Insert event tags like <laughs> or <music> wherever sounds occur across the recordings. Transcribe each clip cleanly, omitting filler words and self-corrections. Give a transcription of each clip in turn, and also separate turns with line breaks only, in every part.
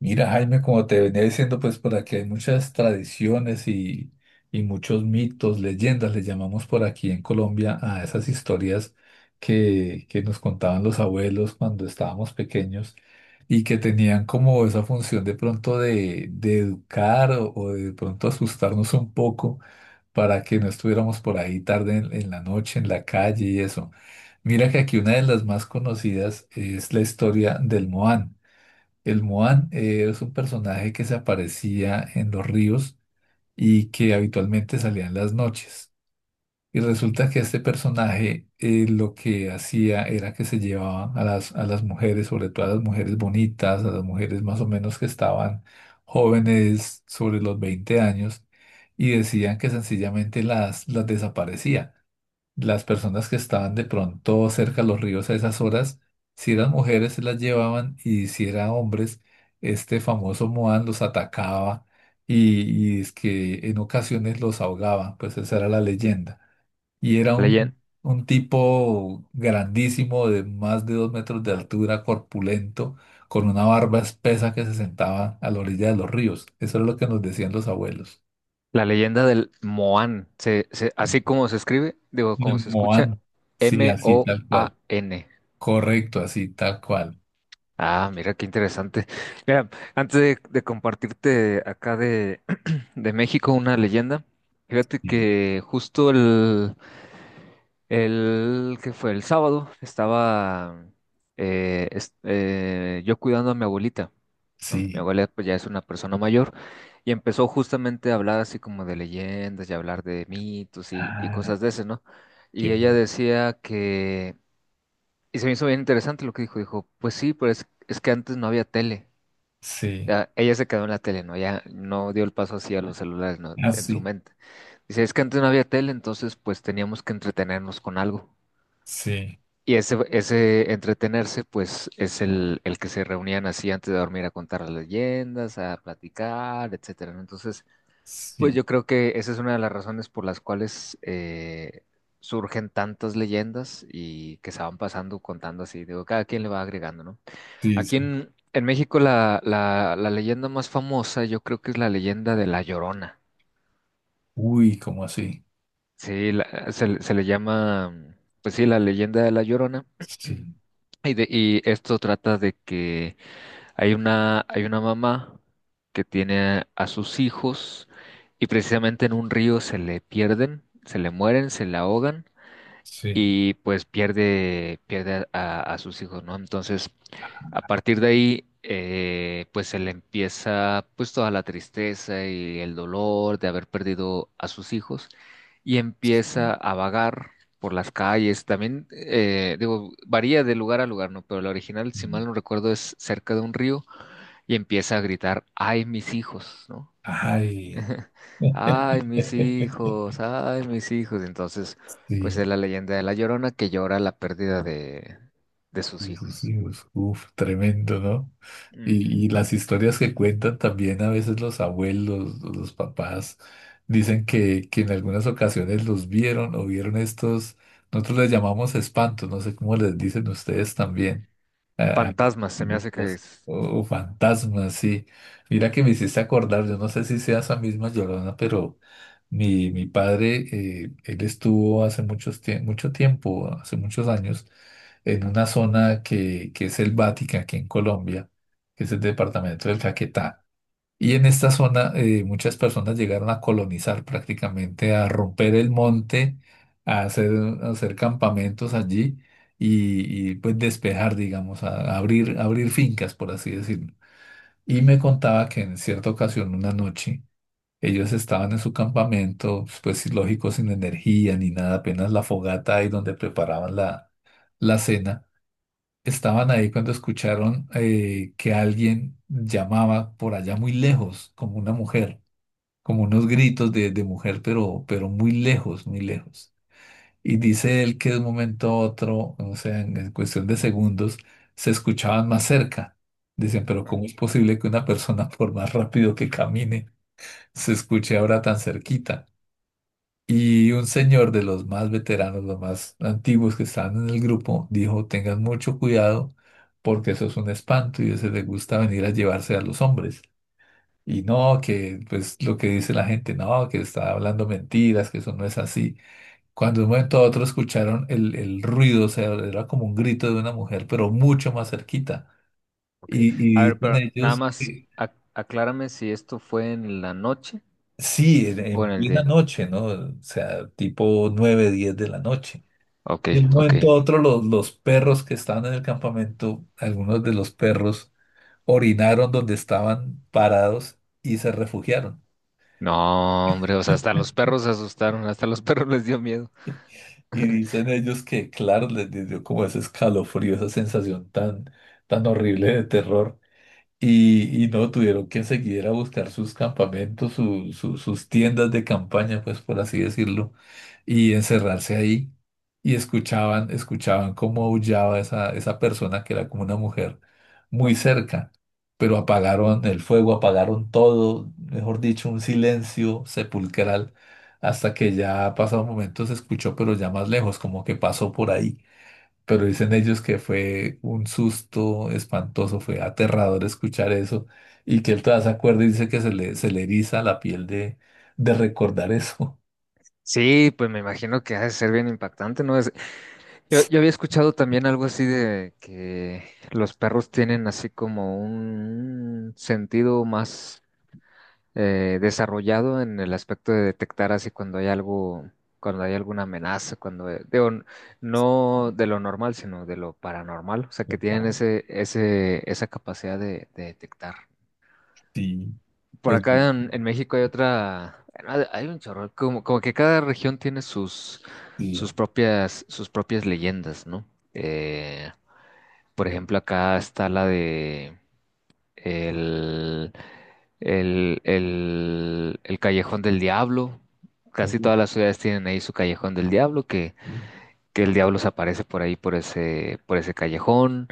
Mira, Jaime, como te venía diciendo, pues por aquí hay muchas tradiciones y muchos mitos, leyendas, le llamamos por aquí en Colombia a esas historias que nos contaban los abuelos cuando estábamos pequeños y que tenían como esa función de pronto de educar o de pronto asustarnos un poco para que no estuviéramos por ahí tarde en la noche, en la calle y eso. Mira que aquí una de las más conocidas es la historia del Moán. El Moan es un personaje que se aparecía en los ríos y que habitualmente salía en las noches. Y resulta que este personaje lo que hacía era que se llevaba a a las mujeres, sobre todo a las mujeres bonitas, a las mujeres más o menos que estaban jóvenes sobre los 20 años, y decían que sencillamente las desaparecía las personas que estaban de pronto cerca a los ríos a esas horas, si eran mujeres se las llevaban y si eran hombres, este famoso Moan los atacaba y es que en ocasiones los ahogaba, pues esa era la leyenda. Y era
Leyen-
un tipo grandísimo de más de dos metros de altura, corpulento, con una barba espesa que se sentaba a la orilla de los ríos. Eso era lo que nos decían los abuelos.
la leyenda del Moan, así como se escribe, digo, como
El
se escucha,
Moan, sí, así tal cual.
Moan.
Correcto, así, tal cual.
Ah, mira qué interesante. Mira, antes de compartirte acá de México, una leyenda. Fíjate
Sí.
que justo el que fue el sábado estaba yo cuidando a mi abuelita, ¿no? Mi
Sí.
abuela pues ya es una persona mayor y empezó justamente a hablar así como de leyendas y hablar de mitos y
Ah,
cosas de ese, ¿no? Y
qué
ella
bueno.
decía que, y se me hizo bien interesante lo que dijo, dijo, pues sí, pero es que antes no había tele.
Sí.
Ya, ella se quedó en la tele, ¿no? Ya no dio el paso así a los celulares, ¿no? En su
Así.
mente. Dice, es que antes no había tele, entonces pues teníamos que entretenernos con algo.
Sí.
Y ese entretenerse, pues, es el que se reunían así antes de dormir a contar las leyendas, a platicar, etcétera, ¿no? Entonces, pues
Sí.
yo creo que esa es una de las razones por las cuales surgen tantas leyendas y que se van pasando contando así. Digo, cada quien le va agregando, ¿no?
Sí,
Aquí
sí.
en México la leyenda más famosa yo creo que es la leyenda de La Llorona.
Uy, ¿cómo así?
Sí, la- se le llama, pues sí, la leyenda de La Llorona.
Sí.
<clears throat> Y esto trata de que hay una mamá que tiene a sus hijos y precisamente en un río se le pierden, se le mueren, se le ahogan
Sí.
y pues pierde, pierde a sus hijos, ¿no? Entonces, a partir de ahí, pues se le empieza pues toda la tristeza y el dolor de haber perdido a sus hijos y
Sí.
empieza a vagar por las calles. También, digo, varía de lugar a lugar, ¿no? Pero la original, si mal no recuerdo, es cerca de un río y empieza a gritar, ¡ay, mis hijos! ¿No?
Ay.
<laughs>
<laughs>
Ay, mis hijos, ay, mis hijos. Entonces, pues
Sí.
es la leyenda de la Llorona que llora la pérdida de sus hijos.
Sí, uf, uf, tremendo, ¿no? Y
Ujú.
las historias que cuentan también a veces los abuelos, o los papás, dicen que en algunas ocasiones los vieron o vieron estos, nosotros les llamamos espantos, no sé cómo les dicen ustedes también, ah,
Fantasmas, se me hace que
los-
es.
oh, fantasmas, sí. Mira que me hiciste acordar, yo no sé si sea esa misma Llorona, pero mi padre, él estuvo hace mucho tiempo, hace muchos años, en una zona que es selvática aquí en Colombia, que es el departamento del Caquetá. Y en esta zona muchas personas llegaron a colonizar prácticamente, a romper el monte, a hacer, a hacer campamentos allí pues despejar, digamos, a abrir, abrir fincas, por así decirlo. Y me contaba que en cierta ocasión, una noche, ellos estaban en su campamento, pues sí, lógico, sin energía ni nada, apenas la fogata ahí donde preparaban la cena. Estaban ahí cuando escucharon que alguien llamaba por allá muy lejos, como una mujer, como unos gritos de mujer, pero muy lejos, muy lejos. Y dice él que de un momento a otro, o sea, en cuestión de segundos, se escuchaban más cerca. Dicen, pero
Ah,
¿cómo es posible que una persona, <laughs> por más rápido que camine, se escuche ahora tan cerquita? Y un señor de los más veteranos, los más antiguos que estaban en el grupo, dijo, tengan mucho cuidado porque eso es un espanto y a ese le gusta venir a llevarse a los hombres. Y no, que pues lo que dice la gente, no, que está hablando mentiras, que eso no es así. Cuando de un momento a otro escucharon el ruido, o sea, era como un grito de una mujer, pero mucho más cerquita.
ok. A
Y
ver,
dicen
pero nada
ellos
más
que
aclárame si esto fue en la noche
sí,
o
en
en el
plena
día.
noche, ¿no? O sea, tipo 9 10 de la noche.
Ok,
Y de un
ok.
momento a otro los perros que estaban en el campamento, algunos de los perros orinaron donde estaban parados y se refugiaron.
No, hombre, o sea, hasta los perros se asustaron, hasta los <laughs> perros les dio miedo.
Y dicen ellos que, claro, les dio como ese escalofrío, esa sensación tan, tan horrible de terror. Y no tuvieron que seguir a buscar sus campamentos, sus tiendas de campaña, pues por así decirlo, y encerrarse ahí. Y escuchaban, escuchaban cómo aullaba esa persona que era como una mujer muy cerca, pero apagaron el fuego, apagaron todo, mejor dicho, un silencio sepulcral, hasta que ya pasado un momento se escuchó, pero ya más lejos, como que pasó por ahí, pero dicen ellos que fue un susto espantoso, fue aterrador escuchar eso y que él todavía se acuerda y dice que se le eriza la piel de recordar eso.
Sí, pues me imagino que ha de ser bien impactante, ¿no? Yo había
<laughs>
escuchado también algo así de que los perros tienen así como un sentido más desarrollado en el aspecto de detectar así cuando hay algo, cuando hay alguna amenaza, cuando, digo, no de lo normal, sino de lo paranormal, o sea,
Pero
que
para
tienen esa capacidad de detectar.
ti,
Por
pues
acá
bien,
en México hay otra, bueno, hay un chorro, como, como que cada región tiene sus,
bien.
sus propias leyendas, ¿no? Eh, por ejemplo, acá está la de el, el Callejón del Diablo. Casi todas
Uh,
las ciudades tienen ahí su Callejón del Diablo,
uh,
que el diablo se aparece por ahí, por ese callejón.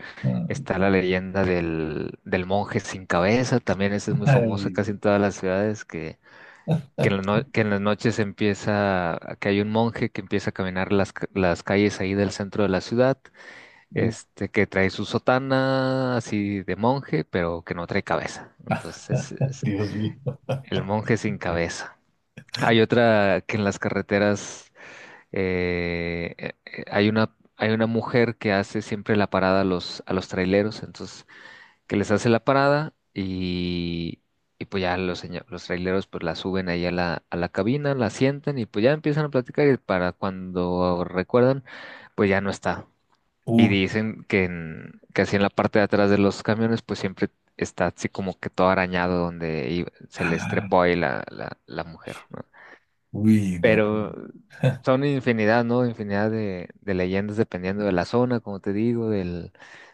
Está la leyenda del monje sin cabeza, también esa es muy famosa
ay,
casi en todas las ciudades, que en la
<laughs>
no- que en las noches empieza, que hay un monje que empieza a caminar las calles ahí del centro de la ciudad
uh,
este, que trae su sotana así de monje, pero que no trae cabeza. Entonces, es
Dios mío.
el monje sin cabeza. Hay otra que en las carreteras hay una mujer que hace siempre la parada a los traileros, entonces, que les hace la parada y pues ya los, los traileros pues la suben ahí a la cabina, la sientan y pues ya empiezan a platicar y para cuando recuerdan, pues ya no está. Y
Uh,
dicen que, que así en la parte de atrás de los camiones, pues siempre está así como que todo arañado donde se les
ah,
trepó ahí la mujer, ¿no?
uy, no.
Pero
<laughs>
son infinidad, ¿no? Infinidad de leyendas dependiendo de la zona, como te digo, del,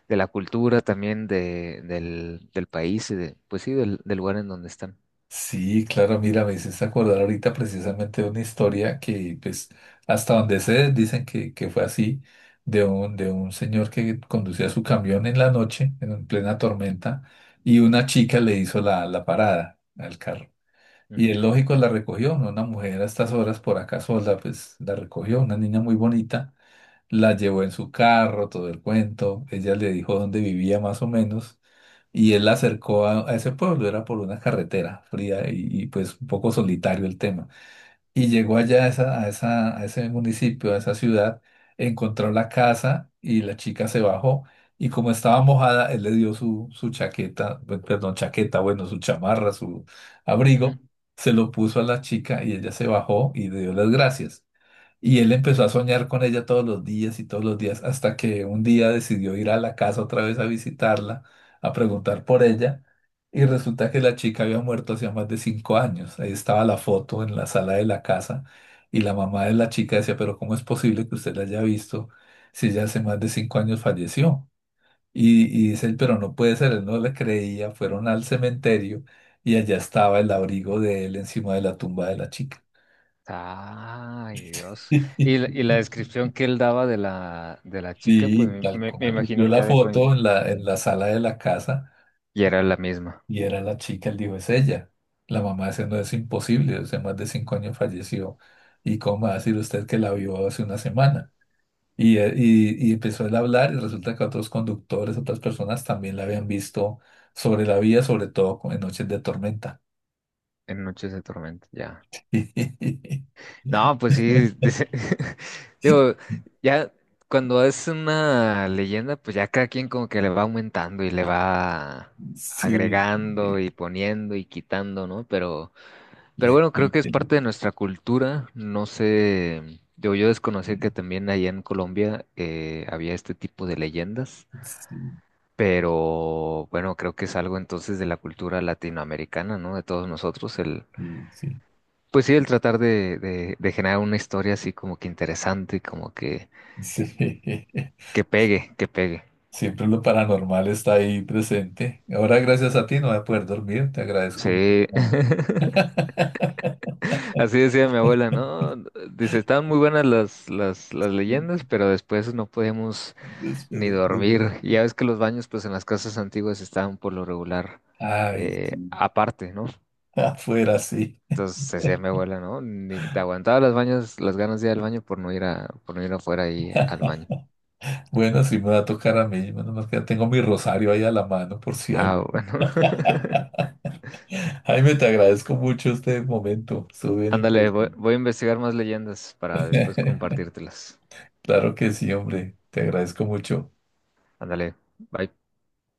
de la cultura también de, del, del país y de, pues sí, del, del lugar en donde están.
Sí, claro, mira, me hiciste acordar ahorita precisamente de una historia que, pues, hasta donde sé, dicen que fue así, de un señor que conducía su camión en la noche, en plena tormenta, y una chica le hizo la parada al carro. Y
Ujú,
él, lógico, la recogió, ¿no? Una mujer a estas horas por acá sola, pues, la recogió, una niña muy bonita, la llevó en su carro, todo el cuento. Ella le dijo dónde vivía más o menos. Y él la acercó a ese pueblo, era por una carretera fría pues un poco solitario el tema. Y llegó allá a ese municipio, a esa ciudad, encontró la casa y la chica se bajó y como estaba mojada, él le dio su chaqueta, perdón, chaqueta, bueno, su chamarra, su
ujú.
abrigo, se lo puso a la chica y ella se bajó y le dio las gracias. Y él empezó a soñar con ella todos los días y todos los días, hasta que un día decidió ir a la casa otra vez a visitarla, a preguntar por ella. Y resulta que la chica había muerto hacía más de cinco años. Ahí estaba la foto en la sala de la casa. Y la mamá de la chica decía, pero ¿cómo es posible que usted la haya visto si ella hace más de cinco años falleció? Y dice él, pero no puede ser, él no le creía. Fueron al cementerio y allá estaba el abrigo de él encima de la tumba de la chica.
Ay, Dios. Y, y la
<laughs>
descripción que él daba de la chica, pues
Sí, tal
me
cual. Vio
imagino que
la
ha de co-
foto en la sala de la casa
Y era la misma,
y era la chica, él dijo, es ella. La mamá dice no, es imposible, hace más de cinco años falleció. ¿Y cómo va a decir usted que la vio hace una semana? Y, y empezó él a hablar y resulta que otros conductores, otras personas también la habían visto sobre la vía, sobre todo en noches de tormenta.
en Noches de Tormenta, ya.
<laughs>
No, pues sí, <laughs> digo, ya cuando es una leyenda, pues ya cada quien como que le va aumentando y le va
Sí,
agregando
sí,
y poniendo y quitando, ¿no? Pero
le
bueno, creo
quite,
que es parte de nuestra cultura, no sé, digo, yo desconocí que
quite.
también allá en Colombia había este tipo de leyendas.
Sí,
Pero bueno, creo que es algo entonces de la cultura latinoamericana, ¿no? De todos nosotros, el
sí, sí.
pues sí, el tratar de generar una historia así como que interesante, como
<laughs>
que
Sí.
pegue, que pegue.
Siempre lo paranormal está ahí presente. Ahora, gracias a ti, no voy a poder dormir. Te agradezco
Sí,
mucho.
<laughs>
<laughs>
así decía mi abuela, ¿no? Dice, estaban muy buenas las leyendas, pero después no podíamos
Después
ni
de-
dormir. Y ya ves que los baños, pues en las casas antiguas estaban por lo regular
ay, sí.
aparte, ¿no?
Afuera, sí.
Entonces decía mi abuela, ¿no? Ni te aguantaba las baños, las ganas de ir al baño por no ir a, por no ir afuera ahí al
<laughs>
baño.
Bueno, sí me va a tocar a mí. Menos mal que ya tengo mi rosario ahí a la mano por si algo.
Ah, bueno. <laughs>
<laughs> Jaime, te agradezco mucho este momento. Estuvo bien
Ándale,
interesante.
voy a investigar más leyendas para después
<laughs>
compartírtelas.
Claro que sí, hombre. Te agradezco mucho.
Ándale, bye.